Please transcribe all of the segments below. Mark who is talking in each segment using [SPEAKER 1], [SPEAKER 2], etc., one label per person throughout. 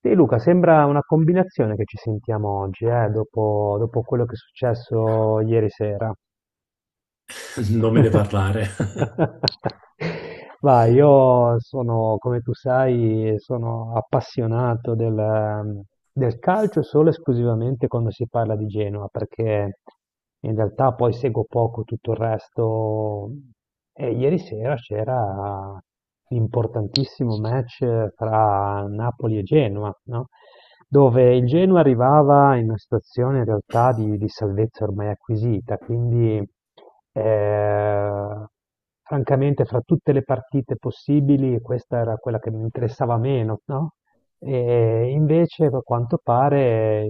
[SPEAKER 1] Sì, Luca, sembra una combinazione che ci sentiamo oggi, dopo quello che è successo ieri sera.
[SPEAKER 2] Non me ne parlare.
[SPEAKER 1] Ma io sono, come tu sai, sono appassionato del calcio solo e esclusivamente quando si parla di Genova, perché in realtà poi seguo poco tutto il resto. E ieri sera c'era l'importantissimo match tra Napoli e Genova, no? Dove il Genoa arrivava in una situazione in realtà di salvezza ormai acquisita, quindi. Ehm, Francamente fra tutte le partite possibili questa era quella che mi interessava meno, no? E invece a quanto pare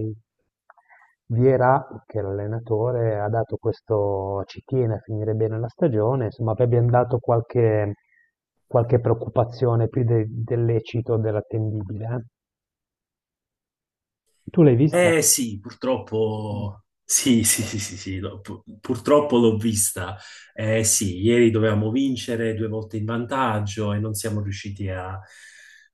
[SPEAKER 1] Viera, che è l'allenatore, ha dato questo, ci tiene a finire bene la stagione, insomma abbiamo dato qualche preoccupazione più del lecito, dell'attendibile. Tu l'hai vista?
[SPEAKER 2] Eh sì,
[SPEAKER 1] Mm.
[SPEAKER 2] purtroppo, sì, sì, sì, sì, sì, no, purtroppo l'ho vista. Eh sì, ieri dovevamo vincere due volte in vantaggio e non siamo riusciti a,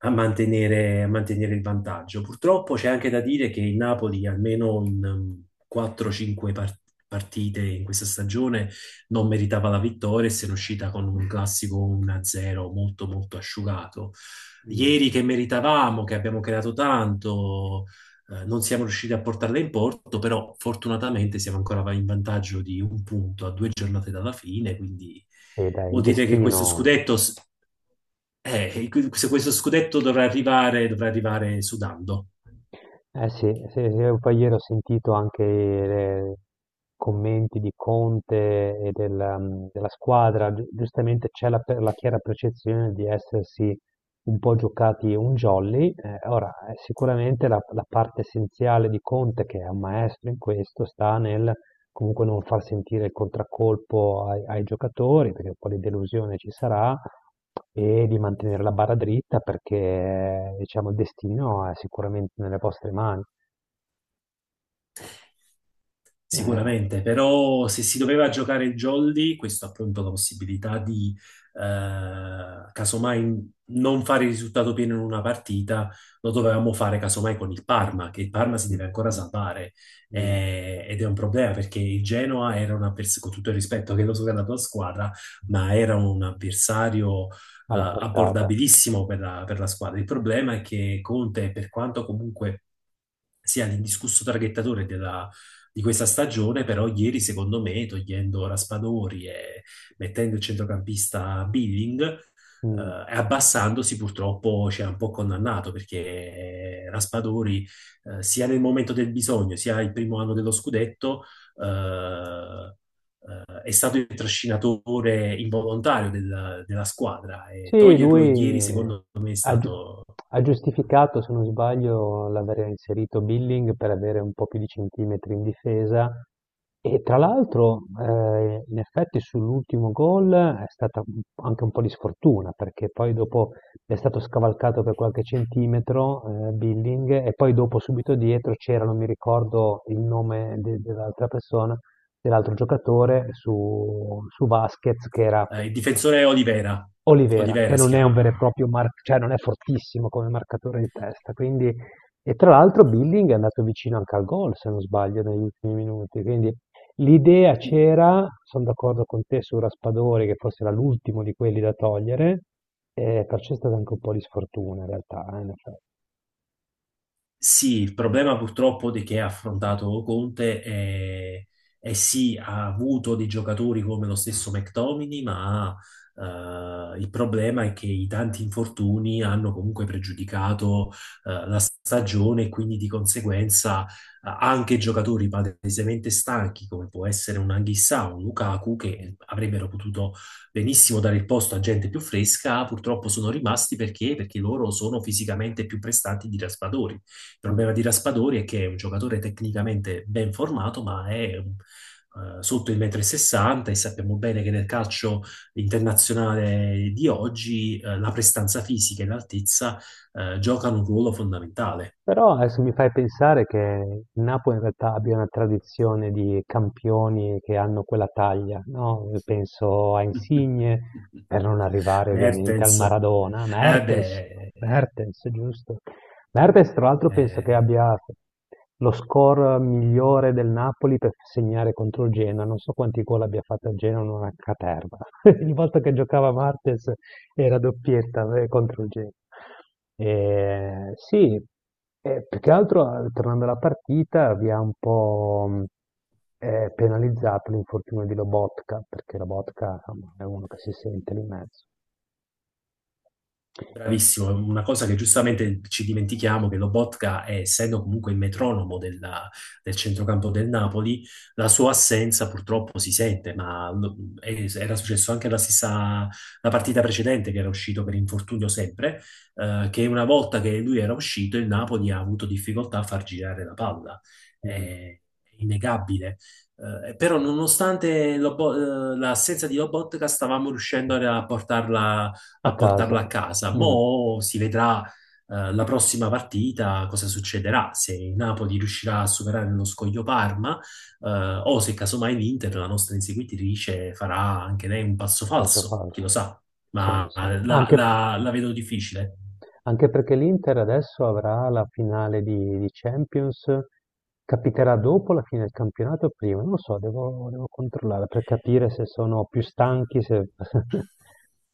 [SPEAKER 2] a mantenere il vantaggio. Purtroppo c'è anche da dire che il Napoli, almeno in 4-5 partite in questa stagione, non meritava la vittoria e se ne è uscita con un classico 1-0 molto, molto asciugato.
[SPEAKER 1] Mm.
[SPEAKER 2] Ieri che meritavamo, che abbiamo creato tanto. Non siamo riusciti a portarla in porto, però fortunatamente siamo ancora in vantaggio di un punto a due giornate dalla fine, quindi
[SPEAKER 1] Sì, dai, il
[SPEAKER 2] vuol dire che questo
[SPEAKER 1] destino.
[SPEAKER 2] scudetto, se questo scudetto dovrà arrivare sudando.
[SPEAKER 1] Eh sì, sì, sì, poi ieri ho sentito anche i commenti di Conte e del, della squadra, giustamente c'è la chiara percezione di essersi un po' giocati un jolly. Ora, sicuramente la parte essenziale di Conte, che è un maestro in questo, sta nel comunque non far sentire il contraccolpo ai giocatori, perché un po' di delusione ci sarà, e di mantenere la barra dritta perché diciamo, il destino è sicuramente nelle vostre mani. Eh.
[SPEAKER 2] Sicuramente, però se si doveva giocare il jolly, questo appunto la possibilità di casomai non fare il risultato pieno in una partita, lo dovevamo fare casomai con il Parma, che il Parma si
[SPEAKER 1] Mm.
[SPEAKER 2] deve ancora
[SPEAKER 1] Mm.
[SPEAKER 2] salvare,
[SPEAKER 1] Mm.
[SPEAKER 2] ed è un problema perché il Genoa era un avversario, con tutto il rispetto che lo so che è la tua squadra, ma era un avversario
[SPEAKER 1] Alla portata.
[SPEAKER 2] abbordabilissimo per la squadra. Il problema è che Conte, per quanto comunque sia l'indiscusso traghettatore della di questa stagione, però ieri secondo me, togliendo Raspadori e mettendo il centrocampista Billing eh, e
[SPEAKER 1] Mm.
[SPEAKER 2] eh, abbassandosi purtroppo ci ha un po' condannato perché Raspadori, sia nel momento del bisogno, sia il primo anno dello scudetto, eh, è stato il trascinatore involontario della squadra, e
[SPEAKER 1] Sì,
[SPEAKER 2] toglierlo
[SPEAKER 1] lui
[SPEAKER 2] ieri secondo me è
[SPEAKER 1] ha, gi-
[SPEAKER 2] stato
[SPEAKER 1] ha giustificato, se non sbaglio, l'aver inserito Billing per avere un po' più di centimetri in difesa. E tra l'altro, in effetti, sull'ultimo gol è stata anche un po' di sfortuna, perché poi dopo è stato scavalcato per qualche centimetro, Billing, e poi dopo subito dietro c'era, non mi ricordo il nome dell'altra persona, dell'altro giocatore su Vasquez,
[SPEAKER 2] il difensore Olivera,
[SPEAKER 1] Olivera, che
[SPEAKER 2] Olivera si
[SPEAKER 1] non è un vero e
[SPEAKER 2] chiama.
[SPEAKER 1] proprio marc cioè non è fortissimo come marcatore di testa, quindi. E tra l'altro Billing è andato vicino anche al gol, se non sbaglio, negli ultimi minuti, quindi l'idea c'era, sono d'accordo con te su Raspadori, che forse era l'ultimo di quelli da togliere, e perciò è stata anche un po' di sfortuna in realtà, in effetti.
[SPEAKER 2] Sì, il problema purtroppo di che ha affrontato Conte è sì, ha avuto dei giocatori come lo stesso McTominay, ma il problema è che i tanti infortuni hanno comunque pregiudicato la stagione, e quindi di conseguenza, anche giocatori palesemente stanchi, come può essere un Anghissà o un Lukaku, che
[SPEAKER 1] Mm.
[SPEAKER 2] avrebbero potuto benissimo dare il posto a gente più fresca, purtroppo sono rimasti perché, loro sono fisicamente più prestanti di Raspadori. Il
[SPEAKER 1] Mm.
[SPEAKER 2] problema di Raspadori è che è un giocatore tecnicamente ben formato, ma è, sotto il 1,60 m, e sappiamo bene che nel calcio internazionale di oggi, la prestanza fisica e l'altezza giocano un ruolo fondamentale.
[SPEAKER 1] Però adesso mi fai pensare che il Napoli in realtà abbia una tradizione di campioni che hanno quella taglia, no? Penso a Insigne, per non arrivare ovviamente al
[SPEAKER 2] Mertens,
[SPEAKER 1] Maradona,
[SPEAKER 2] eh
[SPEAKER 1] Mertens.
[SPEAKER 2] beh,
[SPEAKER 1] Mertens, giusto? Mertens tra l'altro penso che
[SPEAKER 2] eh,
[SPEAKER 1] abbia lo score migliore del Napoli per segnare contro il Genoa, non so quanti gol abbia fatto il Genoa, una caterva. Ogni volta che giocava Mertens era doppietta contro il Genoa. Sì, più che altro, tornando alla partita, vi ha un po' penalizzato l'infortunio di Lobotka, perché Lobotka insomma, è uno che si sente lì in mezzo.
[SPEAKER 2] bravissimo, è una cosa che giustamente ci dimentichiamo che Lobotka, essendo comunque il metronomo del centrocampo del Napoli, la sua assenza purtroppo si sente, ma era successo anche la partita precedente che era uscito per infortunio sempre, che una volta che lui era uscito il Napoli ha avuto difficoltà a far girare la palla,
[SPEAKER 1] Mm.
[SPEAKER 2] è innegabile. Però nonostante l'assenza di Lobotka stavamo riuscendo
[SPEAKER 1] A
[SPEAKER 2] a portarlo
[SPEAKER 1] casa.
[SPEAKER 2] a casa.
[SPEAKER 1] Mm.
[SPEAKER 2] Mo' si vedrà, la prossima partita cosa succederà, se il Napoli riuscirà a superare lo scoglio Parma, eh, o se casomai l'Inter, la nostra inseguitrice, farà anche lei un passo
[SPEAKER 1] Passo
[SPEAKER 2] falso, chi lo
[SPEAKER 1] falso.
[SPEAKER 2] sa,
[SPEAKER 1] Sì,
[SPEAKER 2] ma
[SPEAKER 1] sì. Anche
[SPEAKER 2] la vedo difficile.
[SPEAKER 1] Anche perché l'Inter adesso avrà la finale di Champions, capiterà dopo la fine del campionato o prima? Non lo so, devo controllare per capire se sono più stanchi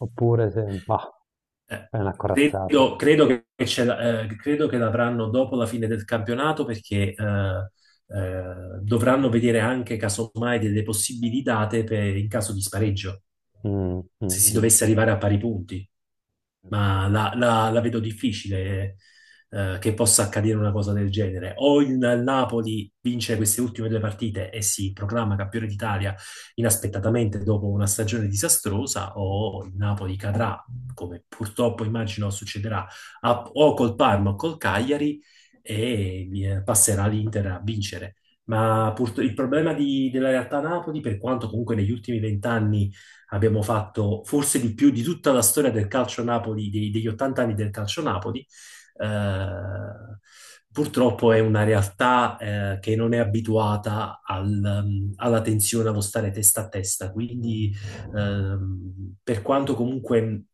[SPEAKER 1] oppure se. Bah,
[SPEAKER 2] Eh,
[SPEAKER 1] è una corazzata.
[SPEAKER 2] credo credo che l'avranno dopo la fine del campionato perché dovranno vedere anche casomai delle possibili date in caso di spareggio,
[SPEAKER 1] Mm,
[SPEAKER 2] se
[SPEAKER 1] mm,
[SPEAKER 2] si dovesse
[SPEAKER 1] giusto,
[SPEAKER 2] arrivare a pari punti.
[SPEAKER 1] giusto.
[SPEAKER 2] Ma la vedo difficile, che possa accadere una cosa del genere. O il Napoli vince queste ultime due partite e si proclama campione d'Italia inaspettatamente dopo una stagione disastrosa, o il Napoli cadrà, come purtroppo immagino succederà, a- o col Parma o col Cagliari, e passerà l'Inter a vincere. Ma il problema della realtà Napoli, per quanto comunque negli ultimi vent'anni abbiamo fatto forse di più di tutta la storia del calcio Napoli, degli 80 anni del calcio Napoli. Eh, Purtroppo è una realtà, che non è abituata alla tensione, allo stare testa a testa. Quindi, ehm, per quanto comunque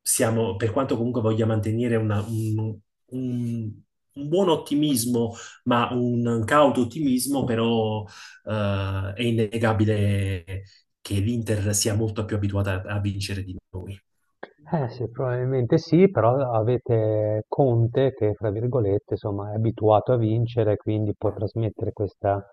[SPEAKER 2] per quanto comunque voglia mantenere un- un buon ottimismo, ma un cauto ottimismo, però è innegabile che l'Inter sia molto più abituata a vincere di noi.
[SPEAKER 1] Eh sì, probabilmente sì, però avete Conte che, fra virgolette, insomma, è abituato a vincere, quindi può trasmettere questa,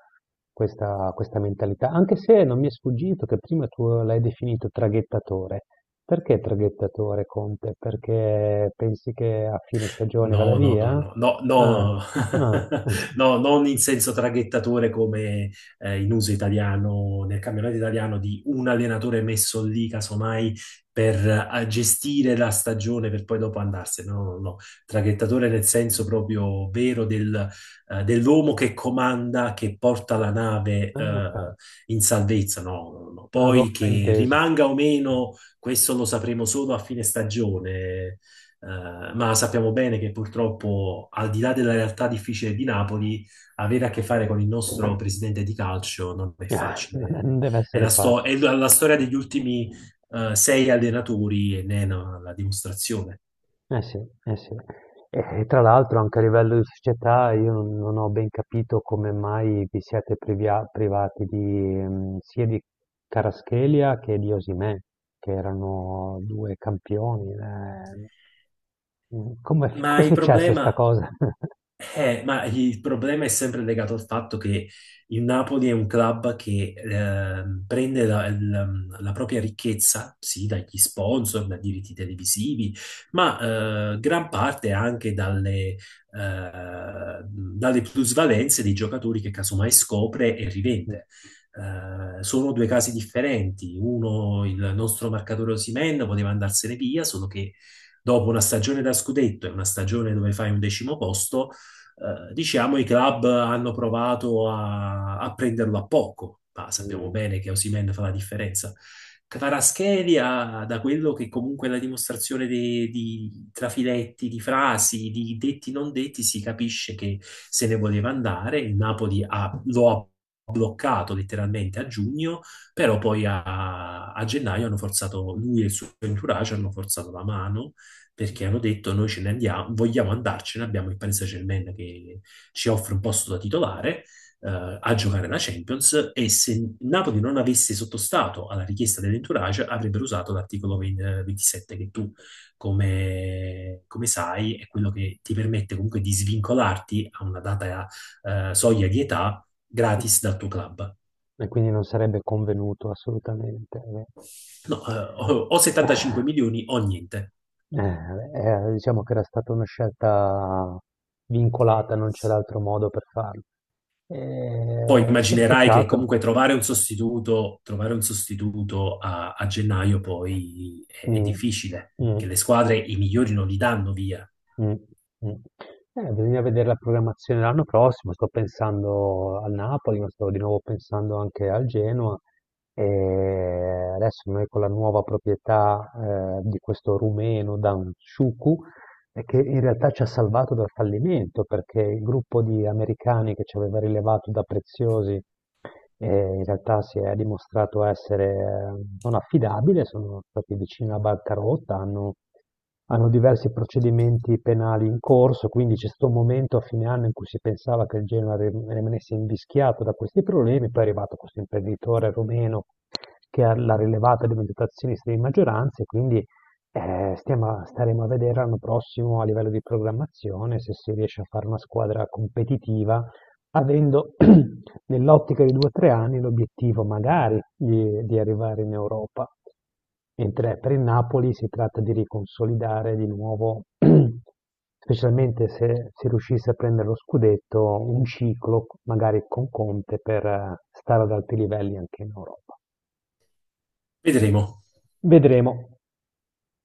[SPEAKER 1] questa mentalità. Anche se non mi è sfuggito che prima tu l'hai definito traghettatore. Perché traghettatore Conte? Perché pensi che a fine stagione vada
[SPEAKER 2] No, no, no,
[SPEAKER 1] via?
[SPEAKER 2] no, no,
[SPEAKER 1] Ah,
[SPEAKER 2] no,
[SPEAKER 1] ah, ah,
[SPEAKER 2] no, non in senso traghettatore come in uso italiano, nel campionato italiano, di un allenatore messo lì, casomai, per gestire la stagione per poi dopo andarsene. No, no, no, traghettatore nel senso proprio vero dell'uomo che comanda, che porta la nave
[SPEAKER 1] ah, ok,
[SPEAKER 2] in salvezza. No, no, no.
[SPEAKER 1] non avevo
[SPEAKER 2] Poi che
[SPEAKER 1] frainteso.
[SPEAKER 2] rimanga o meno, questo lo sapremo solo a fine stagione, ma sappiamo bene che purtroppo, al di là della realtà difficile di Napoli, avere a che fare con il nostro presidente di calcio non è facile.
[SPEAKER 1] Non deve
[SPEAKER 2] È
[SPEAKER 1] essere
[SPEAKER 2] la, sto-
[SPEAKER 1] facile.
[SPEAKER 2] è la- la storia degli ultimi, sei allenatori e ne è la dimostrazione.
[SPEAKER 1] Eh sì, eh sì. E tra l'altro anche a livello di società io non ho ben capito come mai vi siete privati sia di Kvaratskhelia che di Osimhen, che erano due campioni. Mm, Come,
[SPEAKER 2] Ma
[SPEAKER 1] come è
[SPEAKER 2] il
[SPEAKER 1] successa sta
[SPEAKER 2] problema
[SPEAKER 1] cosa?
[SPEAKER 2] ma il problema è sempre legato al fatto che il Napoli è un club che, prende la propria ricchezza, sì, dagli sponsor, da diritti televisivi, ma gran parte anche dalle plusvalenze dei giocatori che casomai scopre e rivende. Sono due casi differenti. Uno, il nostro marcatore Osimhen poteva andarsene via, solo che dopo una stagione da scudetto e una stagione dove fai un decimo posto, diciamo i club hanno provato a prenderlo a poco, ma sappiamo
[SPEAKER 1] Mm.
[SPEAKER 2] bene che Osimhen fa la differenza. Kvaratskhelia, da quello che comunque è la dimostrazione di trafiletti, di frasi, di detti non detti, si capisce che se ne voleva andare. Il Napoli lo ha bloccato letteralmente a giugno, però poi a gennaio hanno forzato, lui e il suo entourage hanno forzato la mano, perché hanno detto noi ce ne andiamo, vogliamo andarcene, abbiamo il Paris Saint-Germain che ci offre un posto da titolare, a giocare la Champions, e se Napoli non avesse sottostato alla richiesta dell'entourage avrebbero usato l'articolo 20 27 che tu come sai è quello che ti permette comunque di svincolarti a una data, soglia di età gratis dal tuo club.
[SPEAKER 1] E quindi non sarebbe convenuto assolutamente.
[SPEAKER 2] No, o
[SPEAKER 1] Eh,
[SPEAKER 2] 75 milioni o niente.
[SPEAKER 1] Eh, diciamo che era stata una scelta vincolata, non
[SPEAKER 2] Sì.
[SPEAKER 1] c'era altro modo per farlo.
[SPEAKER 2] Poi
[SPEAKER 1] Sì,
[SPEAKER 2] immaginerai che
[SPEAKER 1] peccato.
[SPEAKER 2] comunque trovare un sostituto a gennaio poi è
[SPEAKER 1] Mm,
[SPEAKER 2] difficile,
[SPEAKER 1] mm,
[SPEAKER 2] che le squadre i migliori non li danno via.
[SPEAKER 1] mm, mm. Bisogna vedere la programmazione l'anno prossimo. Sto pensando al Napoli, ma sto di nuovo pensando anche al Genoa. E adesso noi con la nuova proprietà di questo rumeno Dan e che in realtà ci ha salvato dal fallimento perché il gruppo di americani che ci aveva rilevato da preziosi in realtà si è dimostrato essere non affidabile, sono stati vicini alla bancarotta, hanno diversi procedimenti penali in corso, quindi c'è stato un momento a fine anno in cui si pensava che il Genoa rimanesse invischiato da questi problemi, poi è arrivato questo imprenditore rumeno che l'ha rilevata diventata azionista di maggioranza e quindi staremo a vedere l'anno prossimo a livello di programmazione se si riesce a fare una squadra competitiva, avendo nell'ottica di due o tre anni l'obiettivo magari di arrivare in Europa. Mentre per il Napoli si tratta di riconsolidare di nuovo, specialmente se si riuscisse a prendere lo scudetto, un ciclo magari con Conte per stare ad alti livelli anche in Europa.
[SPEAKER 2] Vedremo.
[SPEAKER 1] Vedremo.